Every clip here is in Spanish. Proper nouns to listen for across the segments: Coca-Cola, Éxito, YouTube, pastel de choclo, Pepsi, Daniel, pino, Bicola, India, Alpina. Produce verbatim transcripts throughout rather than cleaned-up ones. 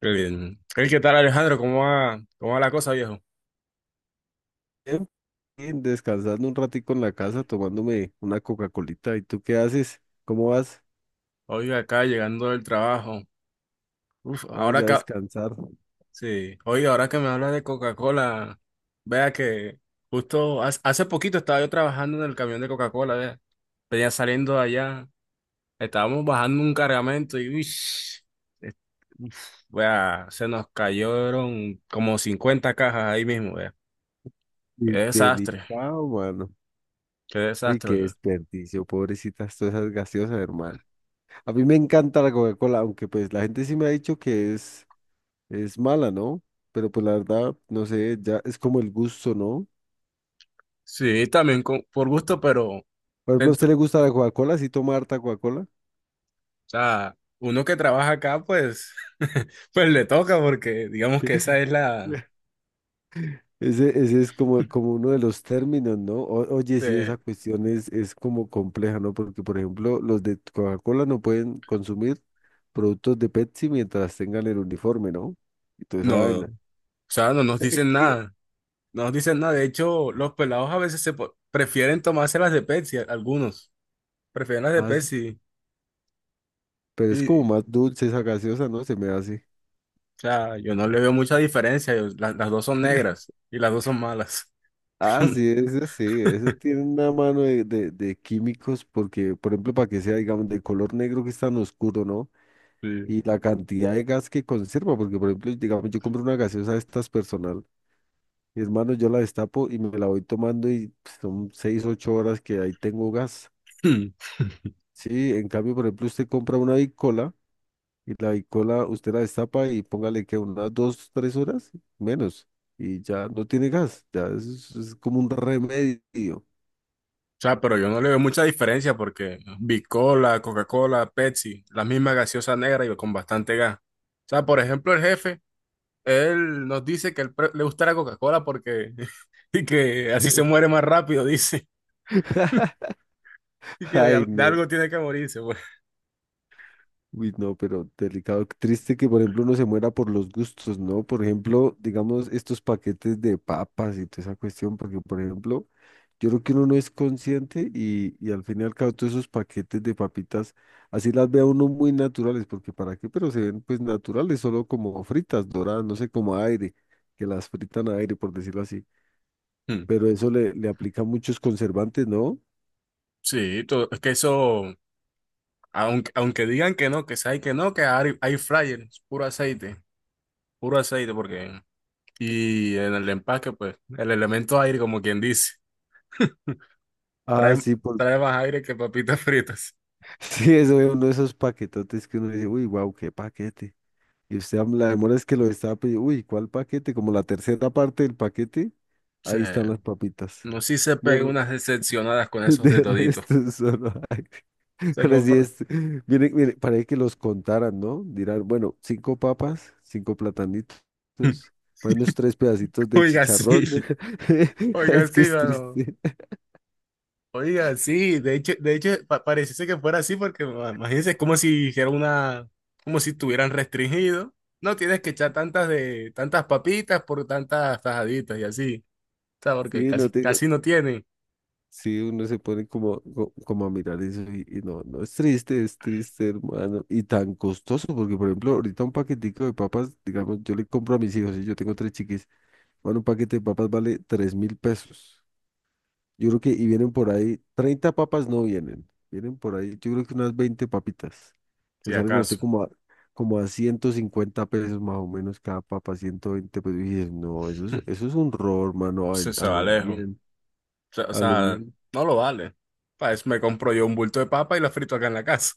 Qué bien. Hey, ¿qué tal Alejandro? ¿Cómo va, cómo va la cosa, viejo? Bien, bien, descansando un ratico en la casa, tomándome una Coca-Colita. ¿Y tú qué haces? ¿Cómo vas? Oiga, acá llegando del trabajo. Uf, Ah, ahora ya acá, descansar. sí. Oiga, ahora que me hablas de Coca-Cola, vea que justo hace, hace poquito estaba yo trabajando en el camión de Coca-Cola, vea. Venía saliendo de allá, estábamos bajando un cargamento y uy, es- uf, vea, se nos cayeron como cincuenta cajas ahí mismo, vea. Qué Y desastre, delicado, mano. qué Uy, qué desastre, yo. desperdicio, pobrecitas, todas esas gaseosas, hermano. A mí me encanta la Coca-Cola, aunque pues la gente sí me ha dicho que es, es mala, ¿no? Pero pues la verdad, no sé, ya es como el gusto, ¿no? Sí, también con- por gusto, pero... Por ejemplo, ¿a usted dentro. le gusta la Coca-Cola? ¿Sí toma harta Coca-Cola? Sea, uno que trabaja acá, pues, pues le toca porque digamos que esa es la... Ese, ese es como, como uno de los términos, ¿no? O- oye, sí, esa eh, cuestión es, es como compleja, ¿no? Porque, por ejemplo, los de Coca-Cola no pueden consumir productos de Pepsi mientras tengan el uniforme, ¿no? Y toda esa no, o vaina. sea, no nos dicen ¿Qué? nada, no nos dicen nada. De hecho, los pelados a veces se po- prefieren tomarse las de Pepsi, algunos prefieren las de Ah, sí, Pepsi. pero es como Y, o más dulce esa gaseosa, ¿no? Se me hace. sea, yo no le veo mucha diferencia, yo- la- las dos son negras y las dos son malas. Ah, sí, eso sí, eso tiene una mano de, de, de químicos porque, por ejemplo, para que sea, digamos, de color negro que es tan oscuro, ¿no? Sí. Y la cantidad de gas que conserva, porque, por ejemplo, digamos, yo compro una gaseosa de estas personal. Y hermano, yo la destapo y me la voy tomando y pues, son seis, ocho horas que ahí tengo gas. Sí, en cambio, por ejemplo, usted compra una bicola y la bicola usted la destapa y póngale que unas dos, tres horas menos y ya no tiene gas. Ya es, es como un remedio. O sea, pero yo no le veo mucha diferencia porque Bicola, Coca-Cola, Pepsi, la misma gaseosa negra y con bastante gas. O sea, por ejemplo, el jefe. Él nos dice que él pre- le gusta la Coca-Cola porque y que así se muere más rápido, dice. Y que de, Ay, al- de no. algo tiene que morirse, pues. Uy, no, pero delicado. Triste que, por ejemplo, uno se muera por los gustos, ¿no? Por ejemplo, digamos, estos paquetes de papas y toda esa cuestión, porque, por ejemplo, yo creo que uno no es consciente y, y al fin y al cabo todos esos paquetes de papitas, así las ve a uno muy naturales, porque para qué, pero se ven pues naturales, solo como fritas, doradas, no sé, como a aire, que las fritan a aire, por decirlo así. Hmm. Pero eso le, le aplica muchos conservantes, ¿no? Sí, to- es que eso, aunque, aunque digan que no, que sabe que no, que hay, hay fryer, es puro aceite, puro aceite, porque. Y en el empaque, pues, el elemento aire, como quien dice, Ah, trae, sí, por... trae más aire que papitas fritas. sí, eso es uno de esos paquetotes que uno dice, uy, wow, qué paquete. Y usted am- la demora es que lo estaba pidiendo, uy, ¿cuál paquete? Como la tercera parte del paquete, Sí. ahí están las papitas. No, si se pega unas decepcionadas con esos De de todito. resto, solo hay. Se Ahora sí compra. es. Miren, miren, para que los contaran, ¿no? Dirán, bueno, cinco papas, cinco platanitos, para unos tres pedacitos de Oiga, sí, chicharrón. oiga, Es que sí, es mano. triste. Oiga, sí, de hecho, de hecho pa- pareciese que fuera así porque ma- imagínense, es como si hiciera una, como si estuvieran restringido. No tienes que echar tantas de, tantas papitas por tantas tajaditas y así. O sea, porque Sí, no casi, tengo. casi no tienen, Sí, uno se pone como, co- como a mirar eso y, y no, no, es triste, es triste, hermano. Y tan costoso, porque por ejemplo, ahorita un paquetico de papas, digamos, yo le compro a mis hijos y yo tengo tres chiquis, bueno, un paquete de papas vale tres mil pesos. Yo creo que, y vienen por ahí, treinta papas no vienen, vienen por ahí, yo creo que unas veinte papitas. Le si salen a usted acaso. como a, como a ciento cincuenta pesos más o menos cada papa, ciento veinte pesos. Y dices, no, eso es, eso es un robo, hermano, a, Se, a se va lo lejos. O bien, sea, o a lo sea, bien. no lo vale. Para eso me compro yo un bulto de papa y la frito acá en la casa.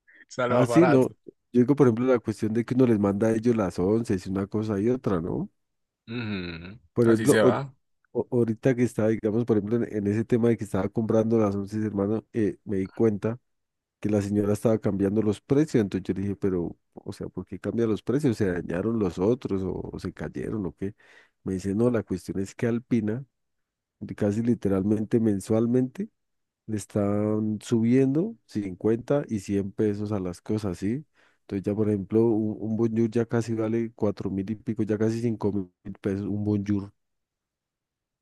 Sale Ah, más sí, no. barato. Yo digo, por ejemplo, la cuestión de que uno les manda a ellos las once, y una cosa y otra, ¿no? Ujú, Por así ejemplo, se ahor- va. o- ahorita que estaba, digamos, por ejemplo, en, en ese tema de que estaba comprando las once, hermano, eh, me di cuenta que la señora estaba cambiando los precios. Entonces yo le dije, pero, o sea, ¿por qué cambia los precios? ¿Se dañaron los otros o, o se cayeron o qué? Me dice, no, la cuestión es que Alpina, de- casi literalmente mensualmente, le están subiendo cincuenta y cien pesos a las cosas, ¿sí? Entonces ya, por ejemplo, un, un bonjour ya casi vale cuatro mil y pico, ya casi cinco mil pesos, un bonjour.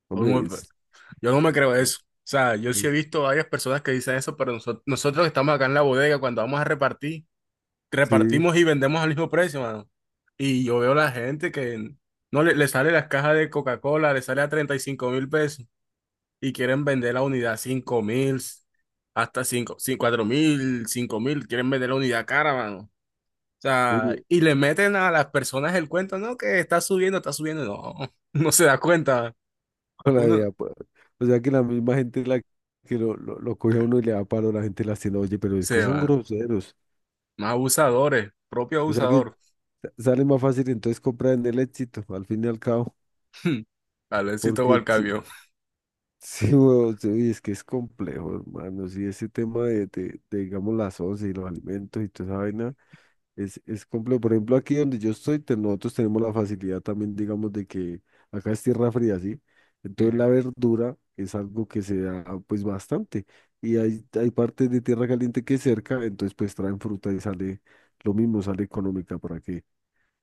Hombre, es, Yo no me creo eso. O sea, yo sí es- he visto varias personas que dicen eso, pero noso- nosotros que estamos acá en la bodega, cuando vamos a repartir, sí. repartimos y vendemos al mismo precio, mano. Y yo veo la gente que no le, le sale las cajas de Coca-Cola, le sale a treinta y cinco mil pesos y quieren vender la unidad a cinco mil, hasta cinco cuatro mil, cinco mil, quieren vender la unidad cara, mano. O sea, y le meten a las personas el cuento, no, que está subiendo, está subiendo, no, no se da cuenta. Toda la Uno vida, pues. O sea que la misma gente la que lo, lo, lo coge a uno y le da paro, la gente las tiene, oye, pero es que se son va. groseros. Más abusadores, propio O sea que abusador. sa- sale más fácil entonces comprar en el éxito, al fin y al cabo. Alencito va Porque al sí, cambio. sí, huevón, sí, uy, es que es complejo, hermano. Sí, ese tema de, de, de, digamos, las once y los alimentos y toda esa vaina. Es, es complejo. Por ejemplo, aquí donde yo estoy, te- nosotros tenemos la facilidad también, digamos, de que acá es tierra fría, ¿sí? Entonces la verdura es algo que se da pues bastante. Y hay, hay partes de tierra caliente que es cerca, entonces pues traen fruta y sale lo mismo, sale económica para que.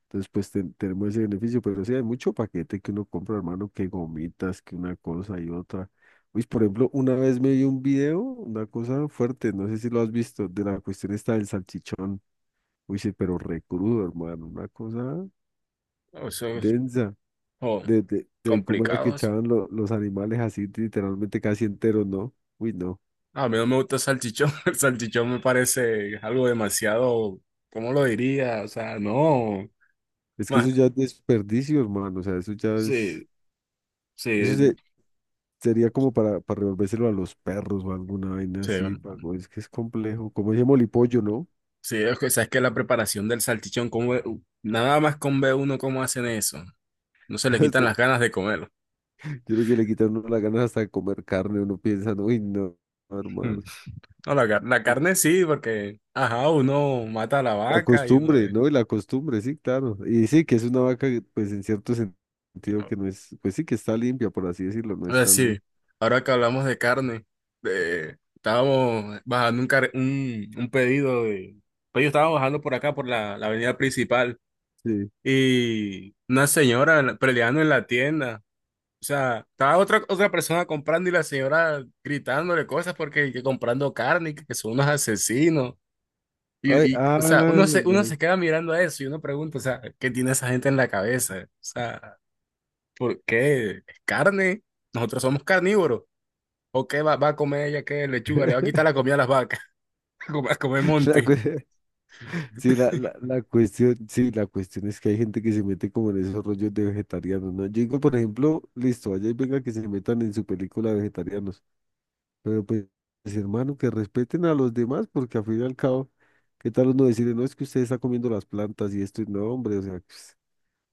Entonces pues ten- tenemos ese beneficio, pero sí hay mucho paquete que uno compra, hermano, que gomitas, que una cosa y otra. Pues por ejemplo, una vez me vi un video, una cosa fuerte, no sé si lo has visto, de la cuestión esta del salchichón. Uy, sí, pero re crudo, hermano, una cosa No, eso es densa, oh, de, de, de cómo era que complicado. Eso. echaban lo- los animales así literalmente casi enteros, ¿no? Uy, no, A mí no me gusta el salchichón. El salchichón me parece algo demasiado, ¿cómo lo diría? O sea, no. es que Más, eso ya es desperdicio, hermano, o sea, eso ya es, sí, eso sí, se- sería como para, para revolvérselo a los perros o alguna vaina sí. así, pago, es que es complejo, como ese molipollo, ¿no? Sí, es que, sabes que la preparación del salchichón, como nada más con ve uno cómo hacen eso. No se le O quitan sea, las ganas de comerlo. yo creo que le quitan a uno las ganas hasta de comer carne, uno piensa, uy, no, hermano. No, la, car- la carne sí, porque, ajá, uno mata a la La vaca y uno costumbre, ve. ¿no? Y la costumbre, sí, claro. Y sí, que es una vaca, que, pues en cierto sen- sentido Oh, que no es, pues sí, que está limpia, por así decirlo, no es ahora tan... sí, ahora que hablamos de carne, de- estábamos bajando un, car- un, un pedido de... Pues yo estaba bajando por acá, por la, la avenida principal, Sí. y una señora la- peleando en la tienda. O sea, estaba otra, otra persona comprando y la señora gritándole cosas porque que comprando carne, y que, que son unos asesinos. Ay, Y, y, o sea, ah, uno se, uno ya. se queda mirando a eso y uno pregunta, o sea, ¿qué tiene esa gente en la cabeza? O sea, ¿por qué? ¿Es carne? Nosotros somos carnívoros. ¿O qué va, va a comer ella? ¿Qué lechuga? Le va a quitar la comida a las vacas. Va a comer La monte. cue- sí, la, la, la cuestión, sí, la cuestión es que hay gente que se mete como en esos rollos de vegetarianos, ¿no? Yo digo, por ejemplo, listo, allá y venga que se metan en su película vegetarianos, pero pues, hermano, que respeten a los demás, porque al fin y al cabo, ¿qué tal uno decirle, no, es que usted está comiendo las plantas y esto, y no, hombre, o sea, pues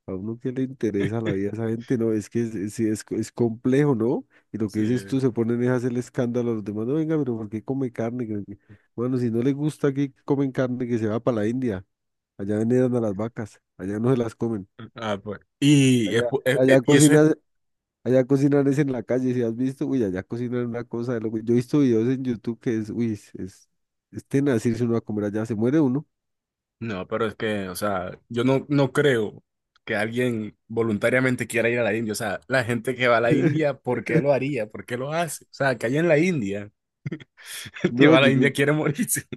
a uno que le interesa la vida a esa gente, no, es que es, es- sí, es, co- es complejo, ¿no? Y lo que Sí. dices tú, se ponen es a hacer el escándalo a los demás, no, venga, pero ¿por qué come carne? Que no sé qué". Bueno, si no le gusta que comen carne, que se va para la India, allá veneran a las vacas, allá no se las comen, Ah, pues. Y, es allá, po- eh, allá eh, y eso es. cocinan, allá cocinan es en la calle, si has visto, uy, allá cocinan una cosa de loco. Yo he visto videos en YouTube que es, uy, es, es, es tenaz irse uno a comer allá, se muere uno. No, pero es que, o sea, yo no, no creo que alguien voluntariamente quiera ir a la India. O sea, la gente que va a la India, ¿por qué lo haría? ¿Por qué lo hace? O sea, que allá en la India, el que No, va a la yo, India quiere morirse.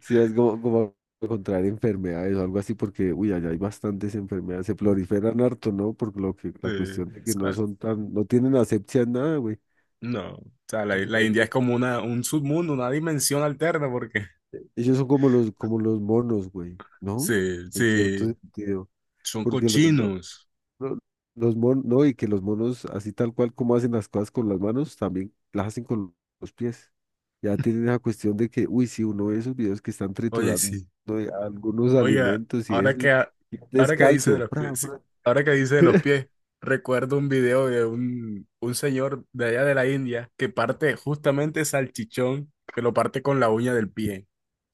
sí, es como, como contraer enfermedades o algo así, porque, uy, allá hay bastantes enfermedades, se Sí, proliferan harto, ¿no? Por lo que la cuestión de o que no sea, son tan, no tienen asepsia en nada, güey. no. O sea, la, O sea, la India ellos, es como una, un submundo, una dimensión alterna, porque. ellos son como los, como los monos, güey, ¿no? Sí, En cierto sí. sentido, Son porque los, los- cochinos. lo- Los monos, no, y que los monos, así tal cual como hacen las cosas con las manos, también las hacen con los pies. Ya tienen esa cuestión de que, uy, si uno ve esos videos que están Oye, triturando sí. de algunos Oiga, alimentos y ahora eso, que, y ha- y ahora que dice de descalzo. los Pra, pies, sí, pra. ahora que dice de los pies, recuerdo un video de un, un señor de allá de la India que parte justamente salchichón, que lo parte con la uña del pie.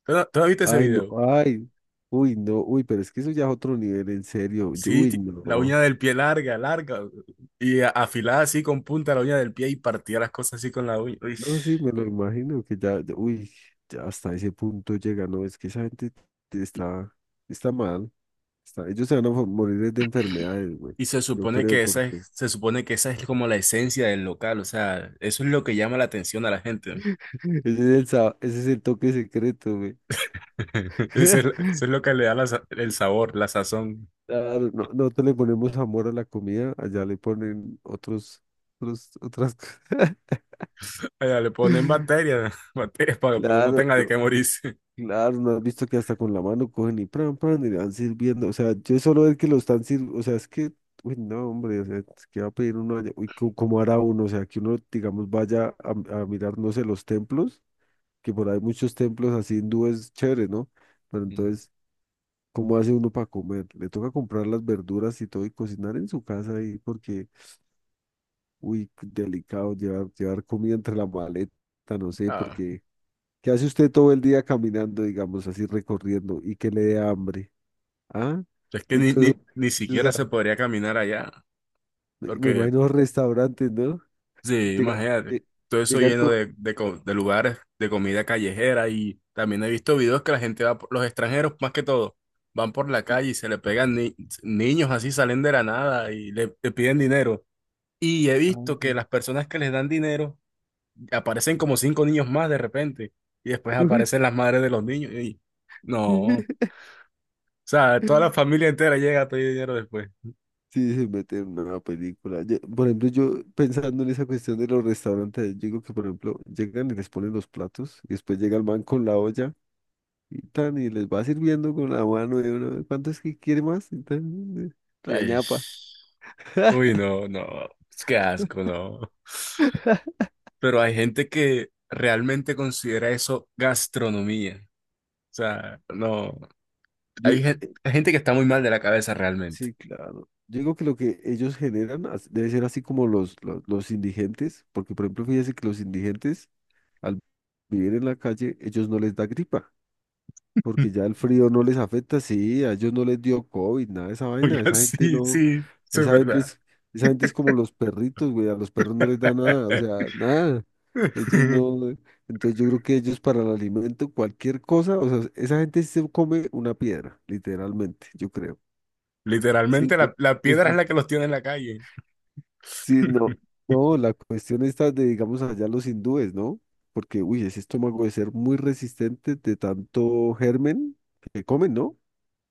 ¿Tú, no- tú no viste ese Ay, no, video? ay, uy, no, uy, pero es que eso ya es otro nivel, en serio. yo- Sí, Uy, ti- la no. uña del pie larga, larga, y a- afilada así con punta la uña del pie y partía las cosas así con la uña. Uy. No, sí, me lo imagino que ya, uy, ya hasta ese punto llega, no, es que esa gente está, está mal. Está- ellos se van a mo- morir de enfermedades, güey. Y se Yo supone creo que esa es, porque se supone que esa es como la esencia del local, o sea, eso es lo que llama la atención a la gente. ese es el, sa- ese es el toque secreto, güey. Eso es, eso es lo que le da la sa- el sabor, la sazón. Claro, no, nosotros le ponemos amor a la comida, allá le ponen otros, otros otras cosas. Allá le ponen bacterias, bacterias para, para que uno Claro, tenga de no, qué morirse. claro, no has visto que hasta con la mano cogen y pran, pran, y le van sirviendo. O sea, yo solo ver que lo están sirviendo, o sea, es que, uy, no, hombre, o sea, es que va a pedir uno allá, uy, co- ¿cómo hará uno? O sea, que uno, digamos, vaya a, a mirar, no sé, los templos. Que por ahí muchos templos así hindúes chéveres, ¿no? Pero Mm. entonces, ¿cómo hace uno para comer? Le toca comprar las verduras y todo y cocinar en su casa ahí porque, uy, delicado llevar, llevar comida entre la maleta, no sé, Ah, porque ¿qué hace usted todo el día caminando, digamos, así recorriendo y que le dé hambre? ¿Ah? es que ni, ni, Entonces, ni o siquiera sea, se podría caminar allá, me me porque, imagino los restaurantes, ¿no? sí, Llegan, imagínate, lle- todo eso llegan lleno con... de, de, co- de lugares de comida callejera y también he visto videos que la gente va, por- los extranjeros más que todo, van por la calle y se le pegan ni- niños así, salen de la nada y le le piden dinero. Y he Ah, visto que las personas que les dan dinero y aparecen como cinco niños más de repente, y después uy. aparecen las madres de los niños, y no, o sea, toda la familia entera llega a pedir dinero después. Sí, se mete en una película. Yo- por ejemplo, yo pensando en esa cuestión de los restaurantes, yo digo que, por ejemplo, llegan y les ponen los platos, y después llega el man con la olla y tan, y les va sirviendo con la mano, y uno, ¿cuánto es que quiere más? Y tan, eh, la ñapa. Ish. Uy, no, no, qué asco, no. Pero hay gente que realmente considera eso gastronomía. O sea, no, Yo, hay gen- eh, hay gente que está muy mal de la cabeza realmente. sí, claro. Yo digo que lo que ellos generan as- debe ser así como los, los, los indigentes, porque, por ejemplo, fíjese que los indigentes, al vivir en la calle, ellos no les da gripa. Porque ya el frío no les afecta, sí, a ellos no les dio COVID, nada de esa vaina, Oiga, esa gente sí, no, sí, eso es esa gente verdad. es, esa gente es como los perritos, güey, a los perros no les da nada, o sea, nada, ellos no, eh, entonces yo creo que ellos para el alimento, cualquier cosa, o sea, esa gente sí se come una piedra, literalmente, yo creo, sí, Literalmente de- la, la es- piedra es la que los tiene en la calle. sí, no, no, la cuestión está de, digamos, allá los hindúes, ¿no? Porque, uy, ese estómago debe ser muy resistente de tanto germen que comen, ¿no?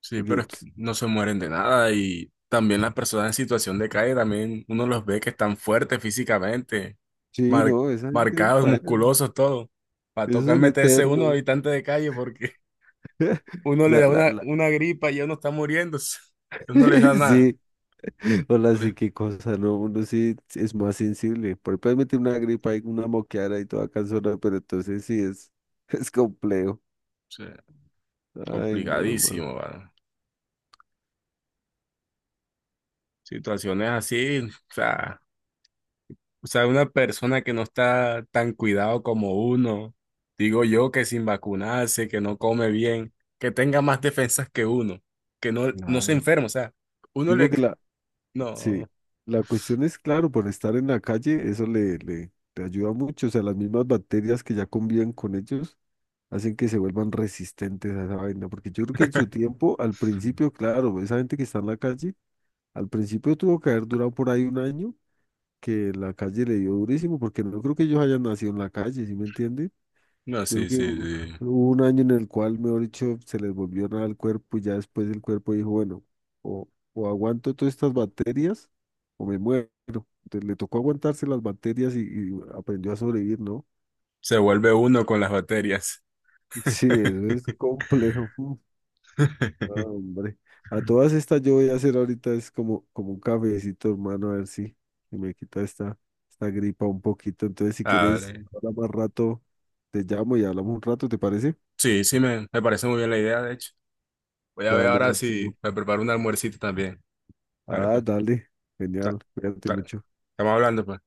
Sí, Porque... pero es que pues, no se mueren de nada y también las personas en situación de calle también uno los ve que están fuertes físicamente, sí, mar- no, esa gente marcados, paila, musculosos, todo. Va a esos tocar son meterse uno eternos. habitante de calle porque uno le La, da la, una, la. una gripa y ya uno está muriéndose. Ellos no les da nada. Sí, hola, No les- sí, o qué cosa, ¿no? Uno sí es más sensible. Por puedes meter una gripa y una moqueara y toda cansona, pero entonces sí es, es complejo. sea, Ay, no, man. complicadísimo, ¿va? Situaciones así, o sea. O sea, una persona que no está tan cuidado como uno, digo yo que sin vacunarse, que no come bien, que tenga más defensas que uno, que no, no se Claro. enferma, o sea, uno Digo le... que la, sí, No, la cuestión es, claro, por estar en la calle, eso le, le, le ayuda mucho. O sea, las mismas bacterias que ya conviven con ellos hacen que se vuelvan resistentes a esa vaina, porque yo creo que en su tiempo, al principio, claro, esa gente que está en la calle, al principio tuvo que haber durado por ahí un año, que la calle le dio durísimo, porque no creo que ellos hayan nacido en la calle, ¿sí me entiende? no, Yo creo sí, que sí, hu- sí. hubo un año en el cual, mejor dicho, se les volvió nada al cuerpo y ya después el cuerpo dijo, bueno, o, o aguanto todas estas bacterias o me muero. Entonces le tocó aguantarse las bacterias y, y aprendió a sobrevivir, ¿no? Se vuelve uno con las bacterias. Sí, eso es complejo. Ah, hombre, a todas estas yo voy a hacer ahorita es como, como un cafecito, hermano, a ver si, si me quita esta, esta gripa un poquito. Entonces, si Ah, quieres, vale. ahora más rato te llamo y hablamos un rato, ¿te parece? Sí, sí, me, me parece muy bien la idea, de hecho. Voy a ver Dale, ahora máximo. si me preparo un almuercito también. Dale, Ah, pues. dale, da- genial, cuídate Dale. mucho. Estamos hablando, pues.